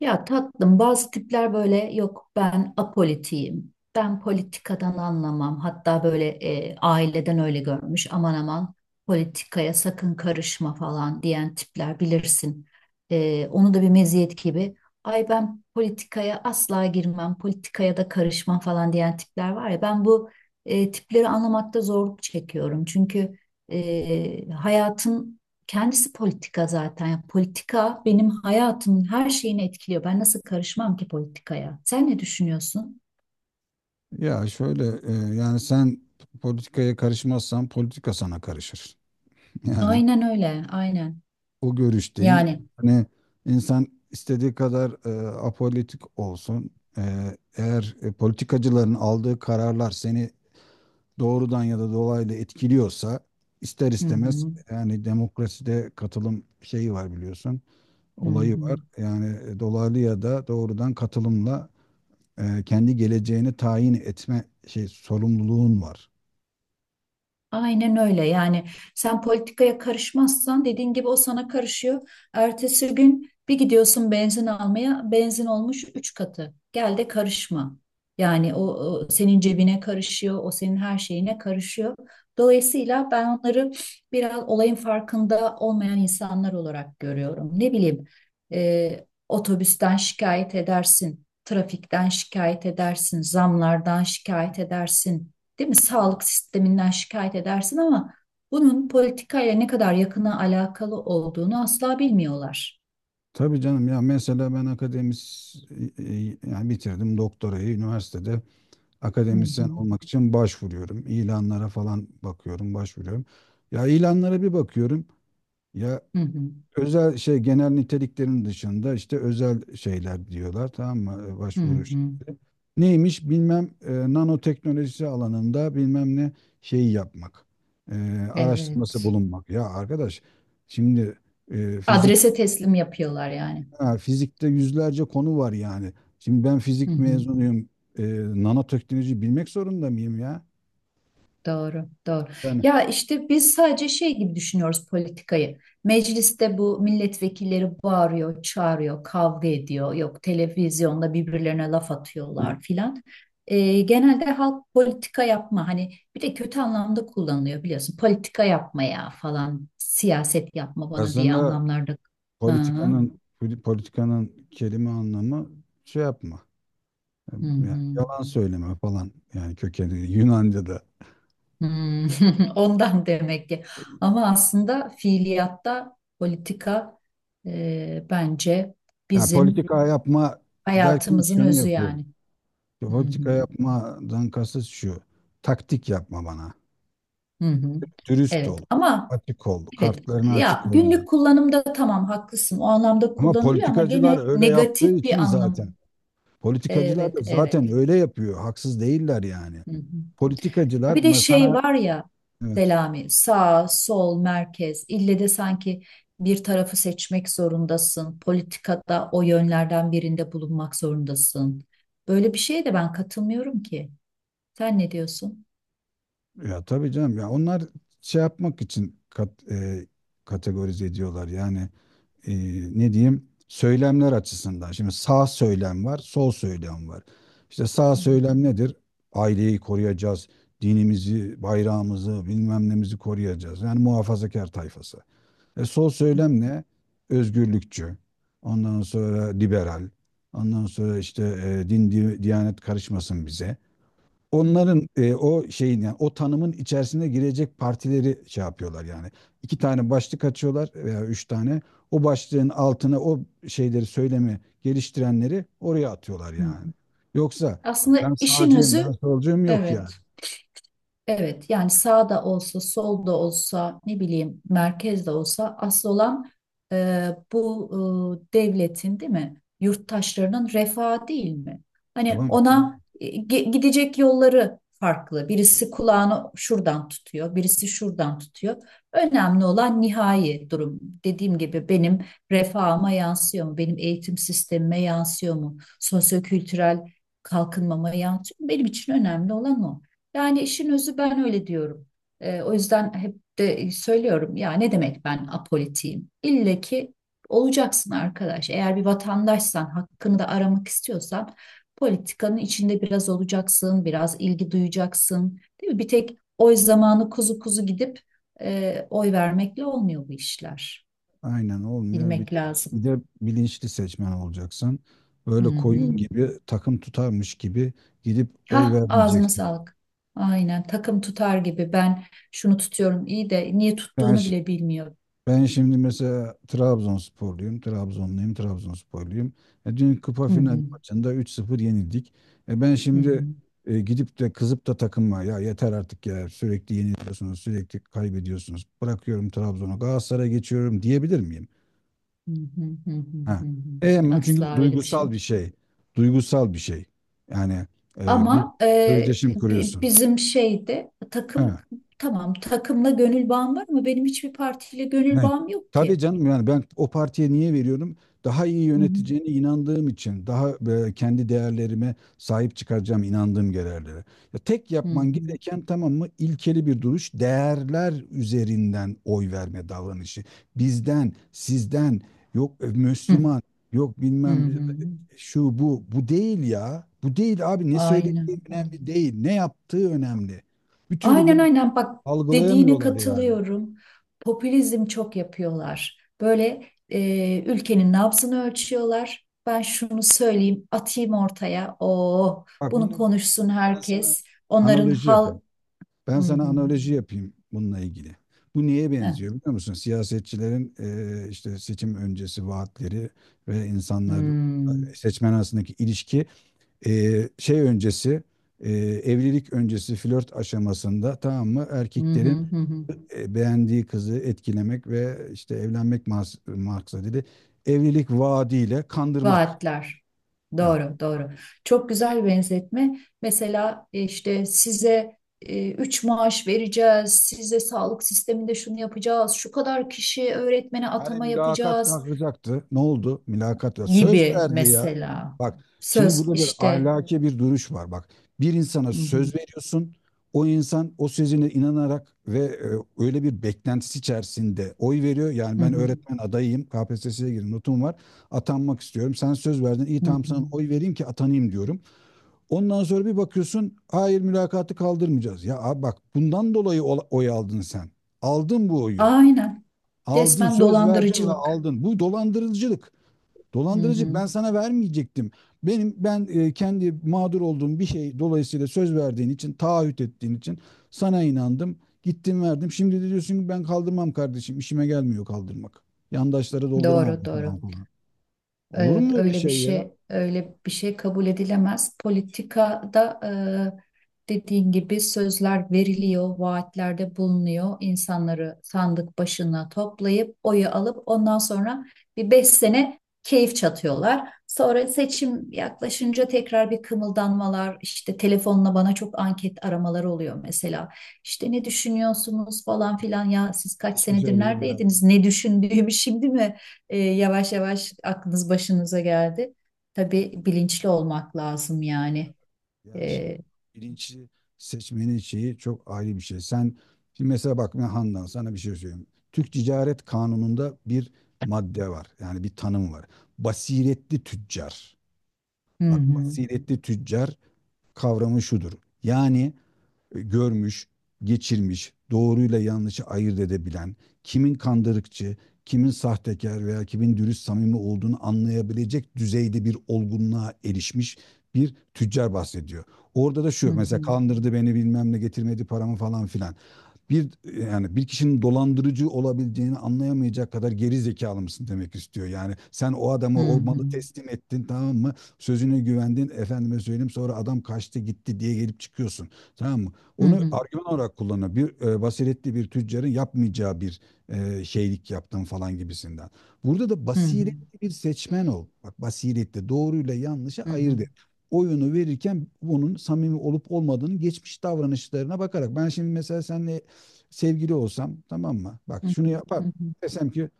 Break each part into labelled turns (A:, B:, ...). A: Ya tatlım bazı tipler böyle yok ben apolitiyim. Ben politikadan anlamam. Hatta böyle aileden öyle görmüş. Aman aman politikaya sakın karışma falan diyen tipler bilirsin. Onu da bir meziyet gibi. Ay ben politikaya asla girmem. Politikaya da karışmam falan diyen tipler var ya. Ben bu tipleri anlamakta zorluk çekiyorum. Çünkü hayatın kendisi politika zaten. Yani politika benim hayatımın her şeyini etkiliyor. Ben nasıl karışmam ki politikaya? Sen ne düşünüyorsun?
B: Ya şöyle, yani sen politikaya karışmazsan politika sana karışır. Yani
A: Aynen öyle, aynen.
B: o görüşteyim.
A: Yani.
B: Hani insan istediği kadar apolitik olsun. E, eğer politikacıların aldığı kararlar seni doğrudan ya da dolaylı etkiliyorsa ister
A: Hı
B: istemez
A: hı,
B: yani demokraside katılım şeyi var biliyorsun.
A: hı
B: Olayı var.
A: hı.
B: Yani dolaylı ya da doğrudan katılımla kendi geleceğini tayin etme şey sorumluluğun var.
A: Aynen öyle yani sen politikaya karışmazsan dediğin gibi o sana karışıyor. Ertesi gün bir gidiyorsun benzin almaya benzin olmuş 3 katı. Gel de karışma. Yani o senin cebine karışıyor, o senin her şeyine karışıyor. Dolayısıyla ben onları biraz olayın farkında olmayan insanlar olarak görüyorum. Ne bileyim, otobüsten şikayet edersin, trafikten şikayet edersin, zamlardan şikayet edersin, değil mi? Sağlık sisteminden şikayet edersin ama bunun politikayla ne kadar yakına alakalı olduğunu asla bilmiyorlar.
B: Tabii canım ya mesela ben yani bitirdim doktorayı üniversitede
A: Hı
B: akademisyen
A: hı.
B: olmak için başvuruyorum. İlanlara falan bakıyorum, başvuruyorum. Ya ilanlara bir bakıyorum. Ya
A: Hı hı.
B: özel şey genel niteliklerin dışında işte özel şeyler diyorlar, tamam mı?
A: Hı
B: Başvuru
A: hı.
B: şekli. Neymiş bilmem nanoteknolojisi alanında bilmem ne şeyi yapmak. E, araştırması
A: Evet.
B: bulunmak. Ya arkadaş şimdi e,
A: Adrese teslim yapıyorlar yani.
B: Ha, fizikte yüzlerce konu var yani. Şimdi ben
A: Hı
B: fizik
A: hı.
B: mezunuyum. E, nanoteknoloji bilmek zorunda mıyım ya?
A: Doğru, doğru.
B: Yani
A: Ya işte biz sadece şey gibi düşünüyoruz politikayı. Mecliste bu milletvekilleri bağırıyor, çağırıyor, kavga ediyor. Yok televizyonda birbirlerine laf atıyorlar filan. Genelde halk politika yapma hani bir de kötü anlamda kullanılıyor biliyorsun. Politika yapmaya falan, siyaset yapma bana diye
B: aslında
A: anlamlarda. Hı hı.
B: politikanın politikanın kelime anlamı şey yapma.
A: Hı
B: Yani
A: hı.
B: yalan söyleme falan, yani kökeni Yunanca'da.
A: Hmm, ondan demek ki. Ama aslında fiiliyatta politika bence
B: Yani
A: bizim
B: politika yapma derken
A: hayatımızın
B: şunu
A: özü
B: yapıyor.
A: yani. Hı hı,
B: Politika yapmadan kasıt şu. Taktik yapma bana.
A: hı hı.
B: Dürüst
A: Evet
B: ol.
A: ama
B: Açık ol.
A: evet
B: Kartlarına
A: ya
B: açık olma.
A: günlük kullanımda tamam haklısın o anlamda
B: Ama
A: kullanılıyor ama gene
B: politikacılar öyle yaptığı
A: negatif
B: için
A: bir anlam.
B: zaten. Politikacılar da
A: Evet,
B: zaten
A: evet.
B: öyle yapıyor. Haksız değiller yani.
A: Hı hı.
B: Politikacılar
A: Bir de şey
B: mesela
A: var ya
B: evet,
A: Selami, sağ, sol, merkez. İlle de sanki bir tarafı seçmek zorundasın. Politikada o yönlerden birinde bulunmak zorundasın. Böyle bir şeye de ben katılmıyorum ki. Sen ne diyorsun?
B: ya tabii canım ya, onlar şey yapmak için kategorize ediyorlar. Yani e, ne diyeyim söylemler açısından. Şimdi sağ söylem var, sol söylem var. İşte sağ
A: Hı,
B: söylem nedir? Aileyi koruyacağız, dinimizi, bayrağımızı, bilmem nemizi koruyacağız. Yani muhafazakar tayfası. Sol söylem ne? Özgürlükçü. Ondan sonra liberal. Ondan sonra işte din, diyanet karışmasın bize. Onların o şeyin yani o tanımın içerisine girecek partileri şey yapıyorlar yani. İki tane başlık açıyorlar veya üç tane. O başlığın altına o şeyleri, söylemi geliştirenleri oraya atıyorlar yani.
A: hı,
B: Yoksa ben
A: aslında işin
B: sağcıyım,
A: özü
B: ben solcuyum yok yani.
A: evet. Evet yani sağda olsa solda olsa ne bileyim merkezde olsa asıl olan, e, bu, devletin değil mi yurttaşlarının refahı değil mi? Hani
B: Tamam mı?
A: ona gidecek yolları farklı. Birisi kulağını şuradan tutuyor, birisi şuradan tutuyor. Önemli olan nihai durum. Dediğim gibi benim refahıma yansıyor mu? Benim eğitim sistemime yansıyor mu? Sosyokültürel kalkınmama yansıyor mu? Benim için önemli olan o. Yani işin özü ben öyle diyorum. O yüzden hep de söylüyorum ya ne demek ben apolitiyim? İlle ki olacaksın arkadaş. Eğer bir vatandaşsan, hakkını da aramak istiyorsan politikanın içinde biraz olacaksın, biraz ilgi duyacaksın. Değil mi? Bir tek oy zamanı kuzu kuzu gidip oy vermekle olmuyor bu işler.
B: Aynen, olmuyor. Bir
A: Bilmek
B: de,
A: lazım.
B: bir de bilinçli seçmen olacaksın.
A: Hı
B: Böyle
A: hı.
B: koyun gibi takım tutarmış gibi gidip oy
A: Hah ağzına
B: vermeyeceksin.
A: sağlık. Aynen takım tutar gibi ben şunu tutuyorum iyi de niye
B: Ben,
A: tuttuğunu
B: şi-
A: bile bilmiyor.
B: ben şimdi mesela Trabzonsporluyum, Trabzonluyum, Trabzonsporluyum. Dün kupa
A: Hı
B: final
A: hı,
B: maçında 3-0 yenildik. Ben
A: hı
B: şimdi
A: hı,
B: gidip de kızıp da takıma, ya yeter artık ya, sürekli yeniliyorsunuz, sürekli kaybediyorsunuz. Bırakıyorum Trabzon'u, Galatasaray'a geçiyorum diyebilir miyim?
A: hı hı, hı hı,
B: Ha.
A: hı hı.
B: Ama çünkü bu
A: Asla öyle bir şey
B: duygusal
A: yok.
B: bir şey. Duygusal bir şey. Yani bir
A: Ama
B: özdeşim kuruyorsun.
A: bizim şeyde
B: Ha.
A: takım tamam, takımla gönül bağım var ama benim hiçbir partiyle
B: Ha.
A: gönül bağım yok
B: Tabii
A: ki.
B: canım, yani ben o partiye niye veriyorum? Daha iyi
A: Hı hı,
B: yöneteceğine inandığım için, daha kendi değerlerime sahip çıkaracağım inandığım değerlere. Ya tek
A: hı
B: yapman
A: hı,
B: gereken, tamam mı? İlkeli bir duruş, değerler üzerinden oy verme davranışı. Bizden, sizden, yok
A: hı
B: Müslüman, yok
A: hı,
B: bilmem
A: hı hı.
B: şu bu değil ya. Bu değil abi, ne söylediği
A: Aynen öyle.
B: önemli değil. Ne yaptığı önemli. Bir türlü
A: Aynen
B: bunu
A: aynen, bak dediğine
B: algılayamıyorlar yani.
A: katılıyorum. Popülizm çok yapıyorlar. Böyle ülkenin nabzını ölçüyorlar. Ben şunu söyleyeyim, atayım ortaya. Oh,
B: Bak bunu
A: bunu
B: ben,
A: konuşsun
B: ben sana
A: herkes. Onların
B: analoji
A: hal...
B: yapayım.
A: Hı
B: Ben
A: hı,
B: sana analoji yapayım bununla ilgili. Bu neye
A: heh,
B: benziyor biliyor musun? Siyasetçilerin işte seçim öncesi vaatleri ve insanlar,
A: hı,
B: seçmen arasındaki ilişki, şey öncesi, eee, evlilik öncesi flört aşamasında, tamam mı,
A: hı hı,
B: erkeklerin
A: hı hı.
B: beğendiği kızı etkilemek ve işte evlenmek maksadıyla evlilik vaadiyle kandırmak.
A: Vaatler.
B: Ha.
A: Doğru, doğru. Çok güzel benzetme. Mesela işte size 3 maaş vereceğiz, size sağlık sisteminde şunu yapacağız, şu kadar kişi öğretmene
B: Hani
A: atama
B: mülakat
A: yapacağız
B: kalkacaktı. Ne oldu? Mülakat ya. Söz
A: gibi
B: verdi ya.
A: mesela.
B: Bak şimdi
A: Söz
B: burada bir
A: işte.
B: ahlaki bir duruş var. Bak, bir insana
A: Hı hı,
B: söz veriyorsun. O insan o sözüne inanarak ve öyle bir beklentisi içerisinde oy veriyor. Yani
A: hı
B: ben
A: hı,
B: öğretmen adayıyım. KPSS'ye girdim. Notum var. Atanmak istiyorum. Sen söz verdin. İyi,
A: hı
B: tamam, sana
A: hı.
B: oy vereyim ki atanayım diyorum. Ondan sonra bir bakıyorsun, hayır, mülakatı kaldırmayacağız. Ya abi bak, bundan dolayı oy aldın sen. Aldın bu oyu.
A: Aynen.
B: Aldın,
A: Resmen
B: söz verdin ve
A: dolandırıcılık.
B: aldın. Bu dolandırıcılık.
A: Hı
B: Dolandırıcılık,
A: hı.
B: ben sana vermeyecektim. Benim ben kendi mağdur olduğum bir şey dolayısıyla söz verdiğin için, taahhüt ettiğin için sana inandım. Gittim, verdim. Şimdi de diyorsun ki ben kaldırmam kardeşim. İşime gelmiyor kaldırmak. Yandaşlara dolduramam
A: Doğru,
B: bu zaman
A: doğru.
B: falan. Olur
A: Evet,
B: mu öyle
A: öyle bir
B: şey ya?
A: şey, öyle bir şey kabul edilemez. Politikada dediğin gibi sözler veriliyor, vaatlerde bulunuyor. İnsanları sandık başına toplayıp oyu alıp ondan sonra bir 5 sene keyif çatıyorlar. Sonra seçim yaklaşınca tekrar bir kımıldanmalar, işte telefonla bana çok anket aramaları oluyor mesela. İşte ne düşünüyorsunuz falan filan ya siz kaç
B: Hiçbir şey
A: senedir
B: dedim.
A: neredeydiniz? Ne düşündüğümü şimdi mi? Yavaş yavaş aklınız başınıza geldi. Tabii bilinçli olmak lazım yani.
B: Yani şimdi
A: E,
B: bilinçli seçmenin şeyi çok ayrı bir şey. Sen şimdi mesela bak, ben Handan sana bir şey söyleyeyim. Türk Ticaret Kanunu'nda bir madde var. Yani bir tanım var. Basiretli tüccar.
A: hı
B: Bak
A: hı,
B: basiretli tüccar kavramı şudur. Yani görmüş, geçirmiş, doğruyla yanlışı ayırt edebilen, kimin kandırıkçı, kimin sahtekar veya kimin dürüst samimi olduğunu anlayabilecek düzeyde bir olgunluğa erişmiş bir tüccar bahsediyor. Orada da
A: hı
B: şu, mesela
A: hı,
B: kandırdı beni bilmem ne, getirmedi paramı falan filan, bir yani bir kişinin dolandırıcı olabileceğini anlayamayacak kadar geri zekalı mısın demek istiyor. Yani sen o
A: hı
B: adamı, o
A: hı,
B: malı teslim ettin tamam mı? Sözüne güvendin, efendime söyleyeyim, sonra adam kaçtı gitti diye gelip çıkıyorsun. Tamam mı?
A: hı
B: Onu
A: hı,
B: argüman olarak kullanıyor. Bir basiretli bir tüccarın yapmayacağı bir şeylik yaptın falan gibisinden. Burada da
A: hı hı,
B: basiretli bir seçmen ol. Bak basiretli, doğruyla yanlışı
A: hı hı,
B: ayırt et oyunu verirken, bunun samimi olup olmadığını geçmiş davranışlarına bakarak. Ben şimdi mesela seninle sevgili olsam tamam mı? Bak
A: hı hı,
B: şunu yapar.
A: hı hı,
B: Desem ki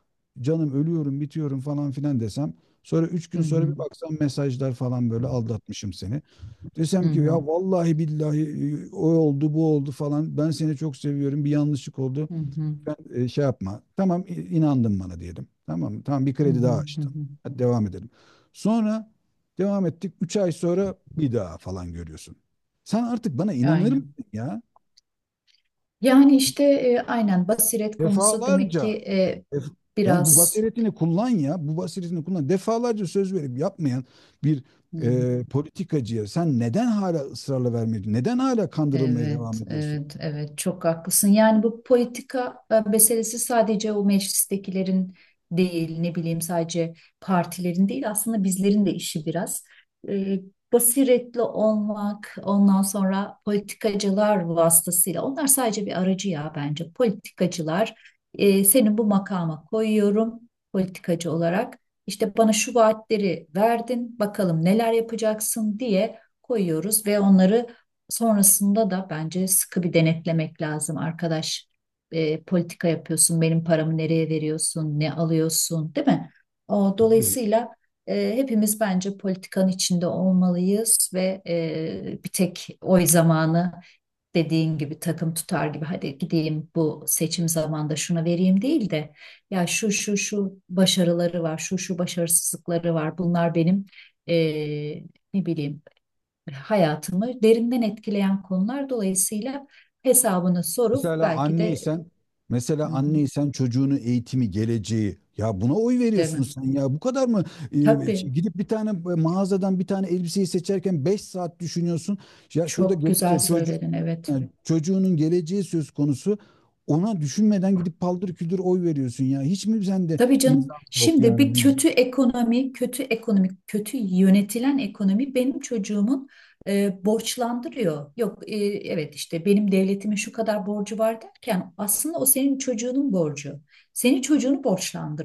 B: canım, ölüyorum, bitiyorum falan filan desem. Sonra 3 gün sonra bir baksam, mesajlar falan, böyle aldatmışım seni.
A: hı
B: Desem
A: hı,
B: ki
A: hı hı,
B: ya vallahi billahi o oldu bu oldu falan. Ben seni çok seviyorum, bir yanlışlık oldu.
A: hı hı,
B: Ben şey yapma. Tamam, inandın bana diyelim. Tamam mı? Tamam, bir
A: hı
B: kredi
A: hı,
B: daha
A: hı
B: açtım.
A: hı.
B: Hadi devam edelim. Sonra devam ettik. 3 ay sonra bir daha falan görüyorsun. Sen artık bana inanır
A: Aynen.
B: mısın ya?
A: Yani işte aynen basiret konusu demek ki
B: Defalarca. Def- Yani bu
A: biraz
B: basiretini kullan ya. Bu basiretini kullan. Defalarca söz verip yapmayan bir politikacıya sen neden hala ısrarla vermiyorsun? Neden hala kandırılmaya devam
A: evet,
B: ediyorsun?
A: evet, evet çok haklısın. Yani bu politika meselesi sadece o meclistekilerin değil, ne bileyim sadece partilerin değil aslında bizlerin de işi biraz. E, basiretli olmak, ondan sonra politikacılar vasıtasıyla, onlar sadece bir aracı ya bence. Politikacılar, seni bu makama koyuyorum politikacı olarak. İşte bana şu vaatleri verdin, bakalım neler yapacaksın diye koyuyoruz ve onları sonrasında da bence sıkı bir denetlemek lazım. Arkadaş politika yapıyorsun, benim paramı nereye veriyorsun, ne alıyorsun, değil mi? O,
B: Tabii.
A: dolayısıyla hepimiz bence politikanın içinde olmalıyız ve bir tek oy zamanı dediğin gibi takım tutar gibi hadi gideyim bu seçim zamanında şuna vereyim değil de ya şu şu şu başarıları var, şu şu başarısızlıkları var. Bunlar benim, e, ne bileyim, hayatımı derinden etkileyen konular dolayısıyla hesabını sorup
B: Mesela
A: belki de
B: anneysen, mesela
A: hı hı,
B: anneysen çocuğunu eğitimi, geleceği, ya buna oy veriyorsun
A: demem.
B: sen ya. Bu kadar mı şey,
A: Tabii
B: gidip bir tane mağazadan bir tane elbiseyi seçerken 5 saat düşünüyorsun. Ya şurada
A: çok güzel
B: gelecek çocuğu,
A: söyledin, evet.
B: yani çocuğunun geleceği söz konusu. Ona düşünmeden gidip paldır küldür oy veriyorsun ya. Hiç mi sende
A: Tabii canım.
B: insaf yok,
A: Şimdi
B: yani
A: bir
B: vicdan?
A: kötü ekonomi, kötü ekonomik, kötü yönetilen ekonomi benim çocuğumun borçlandırıyor. Yok, evet işte benim devletimin şu kadar borcu var derken aslında o senin çocuğunun borcu. Senin çocuğunu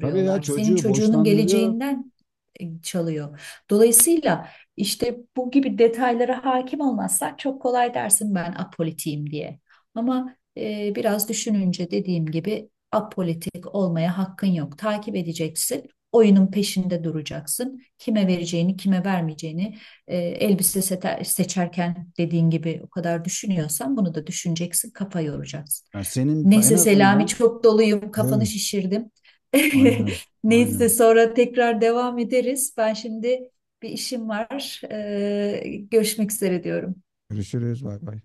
B: Tabii ya,
A: Senin
B: çocuğu
A: çocuğunun
B: boşlandırıyor.
A: geleceğinden çalıyor. Dolayısıyla işte bu gibi detaylara hakim olmazsan çok kolay dersin ben apolitiyim diye. Ama biraz düşününce dediğim gibi apolitik olmaya hakkın yok. Takip edeceksin. Oyunun peşinde duracaksın. Kime vereceğini, kime vermeyeceğini elbise seçerken dediğin gibi o kadar düşünüyorsan bunu da düşüneceksin, kafa yoracaksın.
B: Yani senin en
A: Neyse Selami
B: azından,
A: çok doluyum, kafanı
B: evet.
A: şişirdim.
B: Aynen. Aynen.
A: Neyse sonra tekrar devam ederiz. Ben şimdi bir işim var. Görüşmek üzere diyorum.
B: Görüşürüz. Bay bay.